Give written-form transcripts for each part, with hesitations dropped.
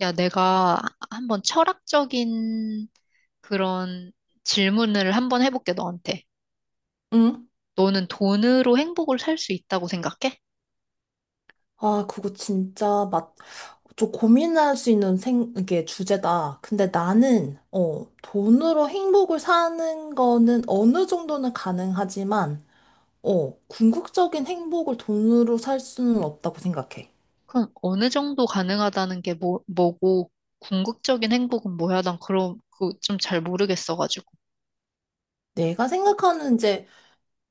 야, 내가 한번 철학적인 그런 질문을 한번 해볼게, 너한테. 응? 너는 돈으로 행복을 살 수 있다고 생각해? 아, 그거 진짜 맛, 저 고민할 수 있는 이게 주제다. 근데 돈으로 행복을 사는 거는 어느 정도는 가능하지만, 궁극적인 행복을 돈으로 살 수는 없다고 생각해. 그럼 어느 정도 가능하다는 게 뭐고, 궁극적인 행복은 뭐야? 난 그런, 그좀 잘 모르겠어가지고. 내가 생각하는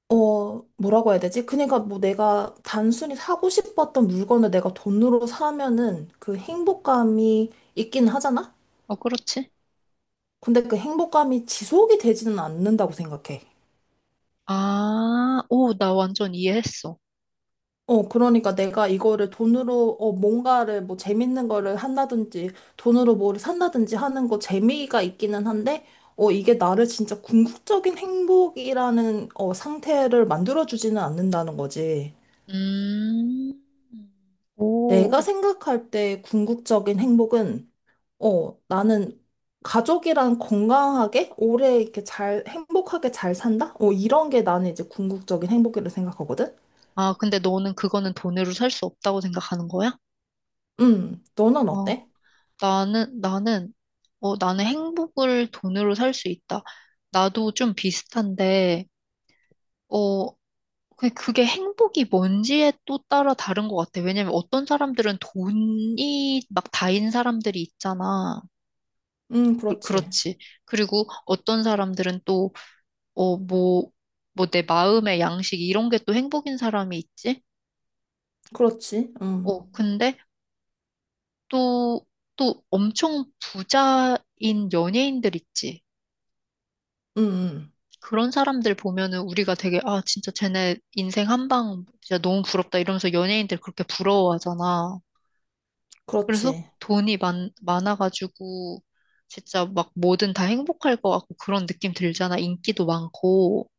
뭐라고 해야 되지? 그러니까 뭐 내가 단순히 사고 싶었던 물건을 내가 돈으로 사면은 그 행복감이 있긴 하잖아? 어, 그렇지? 근데 그 행복감이 지속이 되지는 않는다고 생각해. 아, 오, 나 완전 이해했어. 그러니까 내가 이거를 돈으로 뭔가를 뭐 재밌는 거를 한다든지, 돈으로 뭐를 산다든지 하는 거 재미가 있기는 한데, 이게 나를 진짜 궁극적인 행복이라는 상태를 만들어주지는 않는다는 거지. 음, 내가 오. 생각할 때 궁극적인 행복은 나는 가족이랑 건강하게, 오래 이렇게 잘, 행복하게 잘 산다? 어, 이런 게 나는 이제 궁극적인 행복이라고 생각하거든? 아, 근데 너는 그거는 돈으로 살 수 없다고 생각하는 거야? 너는 어. 어때? 나는, 어, 나는 행복을 돈으로 살 수 있다. 나도 좀 비슷한데, 어, 그게 행복이 뭔지에 또 따라 다른 것 같아. 왜냐면 어떤 사람들은 돈이 막 다인 사람들이 있잖아. 그, 그렇지. 그렇지. 그리고 어떤 사람들은 또, 어, 뭐 내 마음의 양식 이런 게 또 행복인 사람이 있지? 그렇지. 응, 어, 근데 또, 엄청 부자인 연예인들 있지. 응, 응, 그런 사람들 보면은 우리가 되게, 아, 진짜 쟤네 인생 한 방, 진짜 너무 부럽다 이러면서 연예인들 그렇게 부러워하잖아. 그래서 그렇지. 돈이 많아가지고, 진짜 막 뭐든 다 행복할 것 같고 그런 느낌 들잖아. 인기도 많고.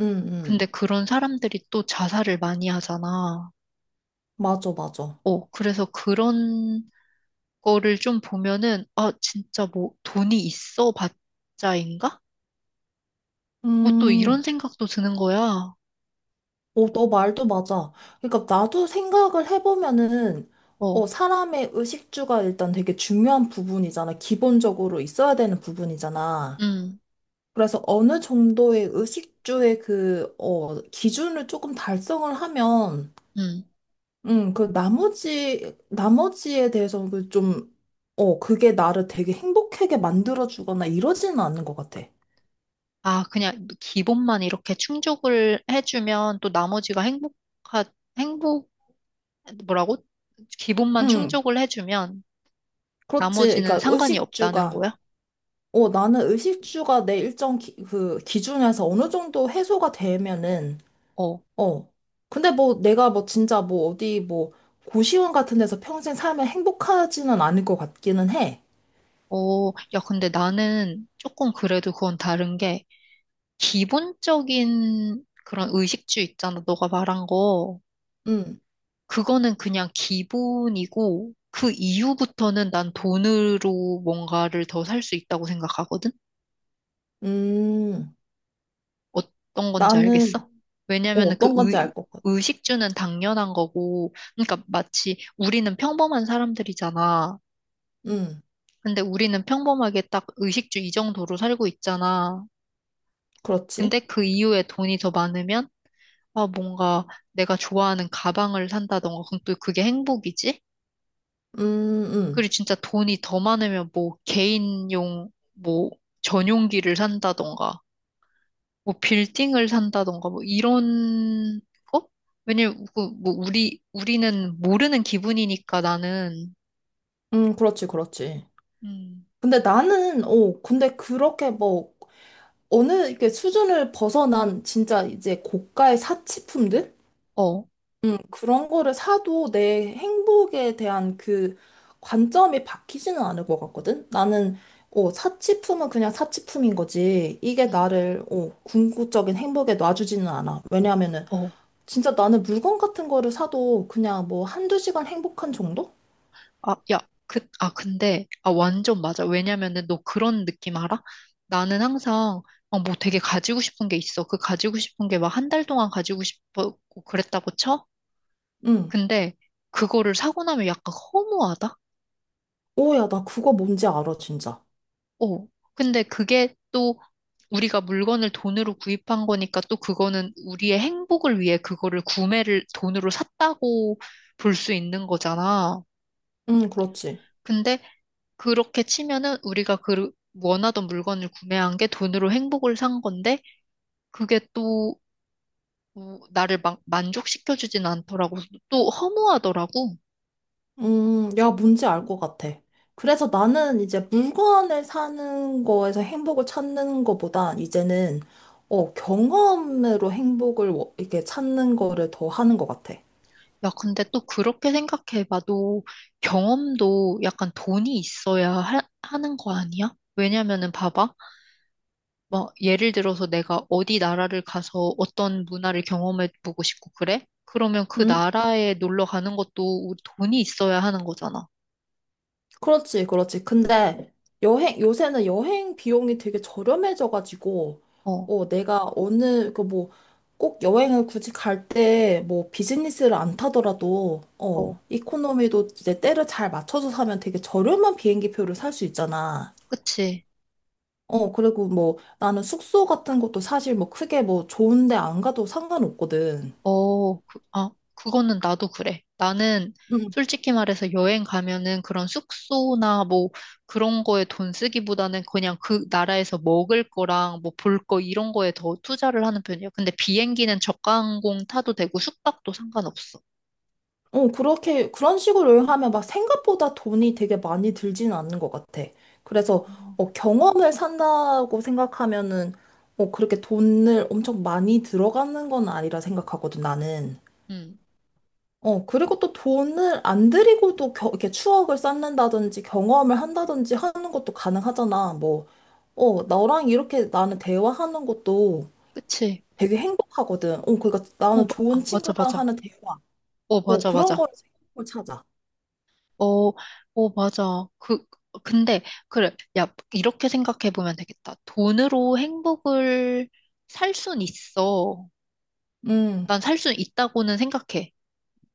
응, 근데 응, 그런 사람들이 또 자살을 많이 하잖아. 맞아, 맞아. 어, 그래서 그런 거를 좀 보면은, 아, 진짜 뭐 돈이 있어 봤자인가? 뭐 또 음. 이런 생각도 드는 거야. 어, 너 말도 맞아. 그러니까 나도 생각을 해보면은 어, 사람의 의식주가 일단 되게 중요한 부분이잖아. 기본적으로 있어야 되는 부분이잖아. 음, 그래서 어느 정도의 의식주의 기준을 조금 달성을 하면, 음. 그 나머지, 나머지에 대해서 그게 나를 되게 행복하게 만들어주거나 이러지는 않는 것 같아. 아, 그냥 기본만 이렇게 충족을 해주면 또 나머지가 행복, 뭐라고? 기본만 응, 충족을 해주면 그렇지. 나머지는 그러니까 상관이 없다는 거야? 나는 의식주가 내 그 기준에서 어느 정도 해소가 되면은, 어, 어. 근데 뭐 내가 뭐 진짜 뭐 어디 뭐 고시원 같은 데서 평생 살면 행복하지는 않을 것 같기는 해. 어, 야, 근데 나는 조금 그래도 그건 다른 게 기본적인 그런 의식주 있잖아. 너가 말한 거. 응, 그거는 그냥 기본이고 그 이후부터는 난 돈으로 뭔가를 더 살 수 있다고 생각하거든? 음, 어떤 건지 나는, 알겠어? 왜냐면은 어떤 건지 알 것 같아. 의식주는 당연한 거고, 그러니까 마치 우리는 평범한 사람들이잖아. 응, 근데 우리는 평범하게 딱 의식주 이 정도로 살고 있잖아. 근데 그렇지. 그 이후에 돈이 더 많으면, 아, 뭔가 내가 좋아하는 가방을 산다던가, 그럼 또 그게 행복이지? 음, 음, 그리고 진짜 돈이 더 많으면 뭐 개인용, 뭐 전용기를 산다던가. 뭐 빌딩을 산다던가 뭐 이런 거? 왜냐면 그 뭐 우리는 모르는 기분이니까 나는 그렇지, 그렇지. 음, 근데 근데 그렇게 뭐 어느 이렇게 수준을 벗어난 진짜 이제 고가의 사치품들? 어, 그런 거를 사도 내 행복에 대한 그 관점이 바뀌지는 않을 것 같거든? 사치품은 그냥 사치품인 거지. 이게 음, 궁극적인 행복에 놔주지는 않아. 왜냐하면은, 어, 진짜 나는 물건 같은 거를 사도 그냥 뭐 한두 시간 행복한 정도? 아, 야, 그, 아, 근데 아 완전 맞아. 왜냐면은 너 그런 느낌 알아? 나는 항상 뭐 되게 가지고 싶은 게 있어. 그 가지고 싶은 게 막 한 달 동안 가지고 싶었고 그랬다고 쳐? 응. 근데 그거를 사고 나면 약간 허무하다? 오, 야, 나 그거 뭔지 알아, 진짜. 어, 근데 그게 또 우리가 물건을 돈으로 구입한 거니까 또 그거는 우리의 행복을 위해 그거를 구매를 돈으로 샀다고 볼 수 있는 거잖아. 응, 그렇지. 근데 그렇게 치면은 우리가 그 원하던 물건을 구매한 게 돈으로 행복을 산 건데 그게 또 어, 나를 막 만족시켜주진 않더라고. 또 허무하더라고. 야, 뭔지 알 것 같아. 그래서 나는 이제 물건을 사는 거에서 행복을 찾는 거보다 이제는, 경험으로 행복을 이렇게 찾는 거를 더 하는 것 같아. 야, 근데 또 그렇게 생각해봐도 경험도 약간 돈이 있어야 하는 거 아니야? 왜냐면은 봐봐. 뭐, 예를 들어서 내가 어디 나라를 가서 어떤 문화를 경험해 보고 싶고 그래? 그러면 그 응? 나라에 놀러 가는 것도 돈이 있어야 하는 거잖아. 그렇지, 그렇지. 근데 여행, 요새는 여행 비용이 되게 저렴해져가지고, 어, 어, 내가 꼭 여행을 굳이 갈 때 뭐 비즈니스를 안 타더라도, 어, 어, 이코노미도 이제 때를 잘 맞춰서 사면 되게 저렴한 비행기 표를 살 수 있잖아. 그치. 어, 그리고 뭐 나는 숙소 같은 것도 사실 뭐 크게 뭐 좋은데 안 가도 상관없거든. 어, 그, 아, 그거는 나도 그래. 나는 응. 솔직히 말해서 여행 가면은 그런 숙소나 뭐 그런 거에 돈 쓰기보다는 그냥 그 나라에서 먹을 거랑 뭐 볼 거 이런 거에 더 투자를 하는 편이야. 근데 비행기는 저가 항공 타도 되고 숙박도 상관없어. 어, 그렇게 그런 식으로 하면 막 생각보다 돈이 되게 많이 들지는 않는 것 같아. 어. 그래서 경험을 산다고 생각하면은 그렇게 돈을 엄청 많이 들어가는 건 아니라 생각하거든, 나는. 음, 어, 그리고 또 돈을 안 들이고도 이렇게 추억을 쌓는다든지 경험을 한다든지 하는 것도 가능하잖아. 너랑 이렇게 나는 대화하는 것도 그치. 되게 행복하거든. 어, 그러니까 어, 나는 좋은 아, 맞아, 친구랑 맞아. 하는 대화. 오 어, 맞아, 그런 맞아. 거에서 행복을 찾아. 어, 오 맞아. 그, 근데, 그래. 야, 이렇게 생각해 보면 되겠다. 돈으로 행복을 살 순 있어. 음, 난 살 순 있다고는 생각해.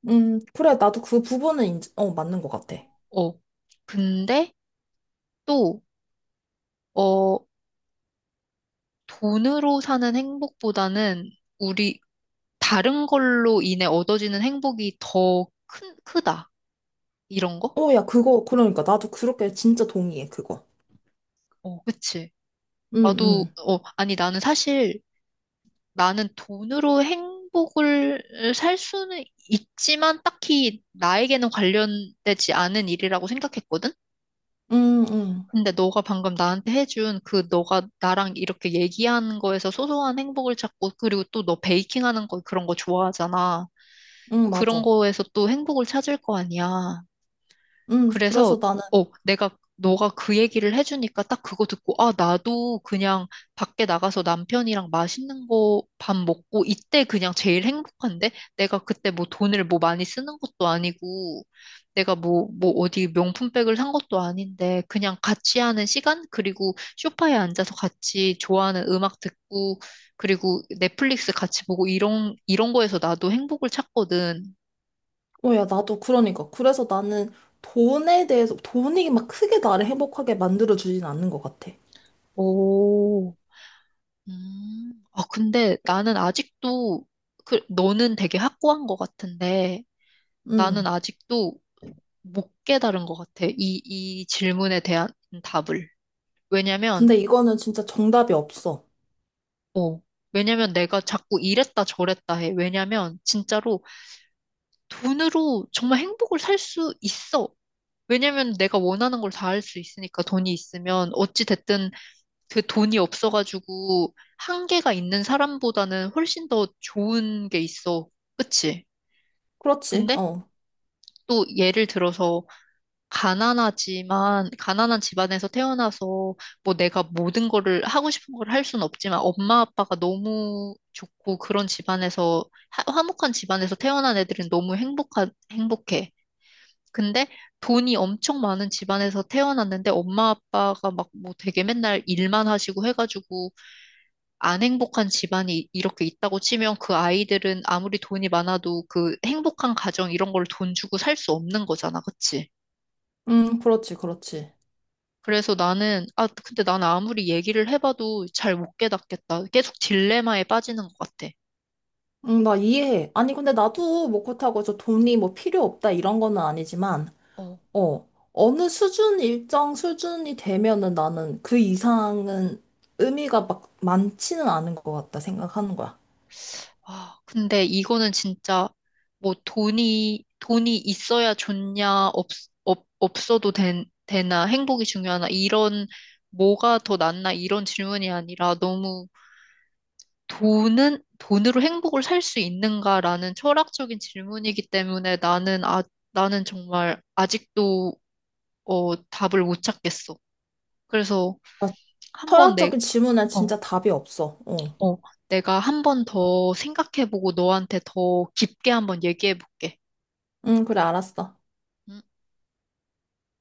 그래. 나도 그 부분은 맞는 것 같아. 어. 근데 또, 어, 돈으로 사는 행복보다는 우리 다른 걸로 인해 얻어지는 행복이 더 크다. 이런 거? 어, 야, 그러니까. 나도 그렇게 진짜 동의해, 그거. 어, 그치. 응, 나도, 응, 아니, 나는 사실 나는 돈으로 행복을 살 수는 있지만 딱히 나에게는 관련되지 않은 일이라고 생각했거든? 응, 응, 근데 너가 방금 나한테 해준 그 너가 나랑 이렇게 얘기한 거에서 소소한 행복을 찾고 그리고 또 너 베이킹 하는 거 그런 거 좋아하잖아. 응, 그런 맞아. 거에서 또 행복을 찾을 거 아니야. 응, 그래서, 그래서 어, 내가, 너가 그 얘기를 해주니까 딱 그거 듣고, 아, 나도 그냥 밖에 나가서 남편이랑 맛있는 거 밥 먹고, 이때 그냥 제일 행복한데? 내가 그때 뭐 돈을 뭐 많이 쓰는 것도 아니고, 내가 뭐 어디 명품백을 산 것도 아닌데, 그냥 같이 하는 시간? 그리고 소파에 앉아서 같이 좋아하는 음악 듣고, 그리고 넷플릭스 같이 보고, 이런 거에서 나도 행복을 찾거든. 어, 야, 나도 그러니까. 그래서 나는 돈에 대해서, 돈이 막 크게 나를 행복하게 만들어주진 않는 것 같아. 오. 음. 아, 근데 나는 아직도, 그, 너는 되게 확고한 것 같은데, 나는 응. 아직도 못 깨달은 것 같아. 이 질문에 대한 답을. 왜냐면, 근데 이거는 진짜 정답이 없어. 어, 왜냐면 내가 자꾸 이랬다 저랬다 해. 왜냐면, 진짜로 돈으로 정말 행복을 살 수 있어. 왜냐면 내가 원하는 걸 다 할 수 있으니까 돈이 있으면 어찌 됐든 그 돈이 없어가지고 한계가 있는 사람보다는 훨씬 더 좋은 게 있어. 그치? 그렇지, 근데 어. 또 예를 들어서 가난하지만 가난한 집안에서 태어나서 뭐 내가 모든 거를 하고 싶은 걸 할 수는 없지만 엄마 아빠가 너무 좋고 그런 집안에서 화목한 집안에서 태어난 애들은 너무 행복한 행복해. 근데 돈이 엄청 많은 집안에서 태어났는데 엄마 아빠가 막 뭐 되게 맨날 일만 하시고 해가지고 안 행복한 집안이 이렇게 있다고 치면 그 아이들은 아무리 돈이 많아도 그 행복한 가정 이런 걸 돈 주고 살 수 없는 거잖아, 그치? 응, 그렇지, 그렇지. 그래서 나는, 아, 근데 나는 아무리 얘기를 해봐도 잘 못 깨닫겠다. 계속 딜레마에 빠지는 것 같아. 응, 나 이해해. 아니, 근데 나도 뭐 그렇다고 저 돈이 뭐 필요 없다 이런 거는 아니지만, 어. 어, 어느 수준, 일정 수준이 되면은 나는 그 이상은 의미가 막 많지는 않은 것 같다 생각하는 거야. 아, 근데 이거는 진짜 뭐 돈이 있어야 좋냐, 없어도 되나, 행복이 중요하나, 이런 뭐가 더 낫나, 이런 질문이 아니라 너무 돈은 돈으로 행복을 살 수 있는가라는 철학적인 질문이기 때문에 나는 정말 아직도 답을 못 찾겠어. 그래서 아, 한번 철학적인 질문엔 어, 진짜 답이 없어. 어. 어, 내가 한 번 더 생각해보고 너한테 더 깊게 한번 얘기해볼게. 응, 그래, 알았어. 음.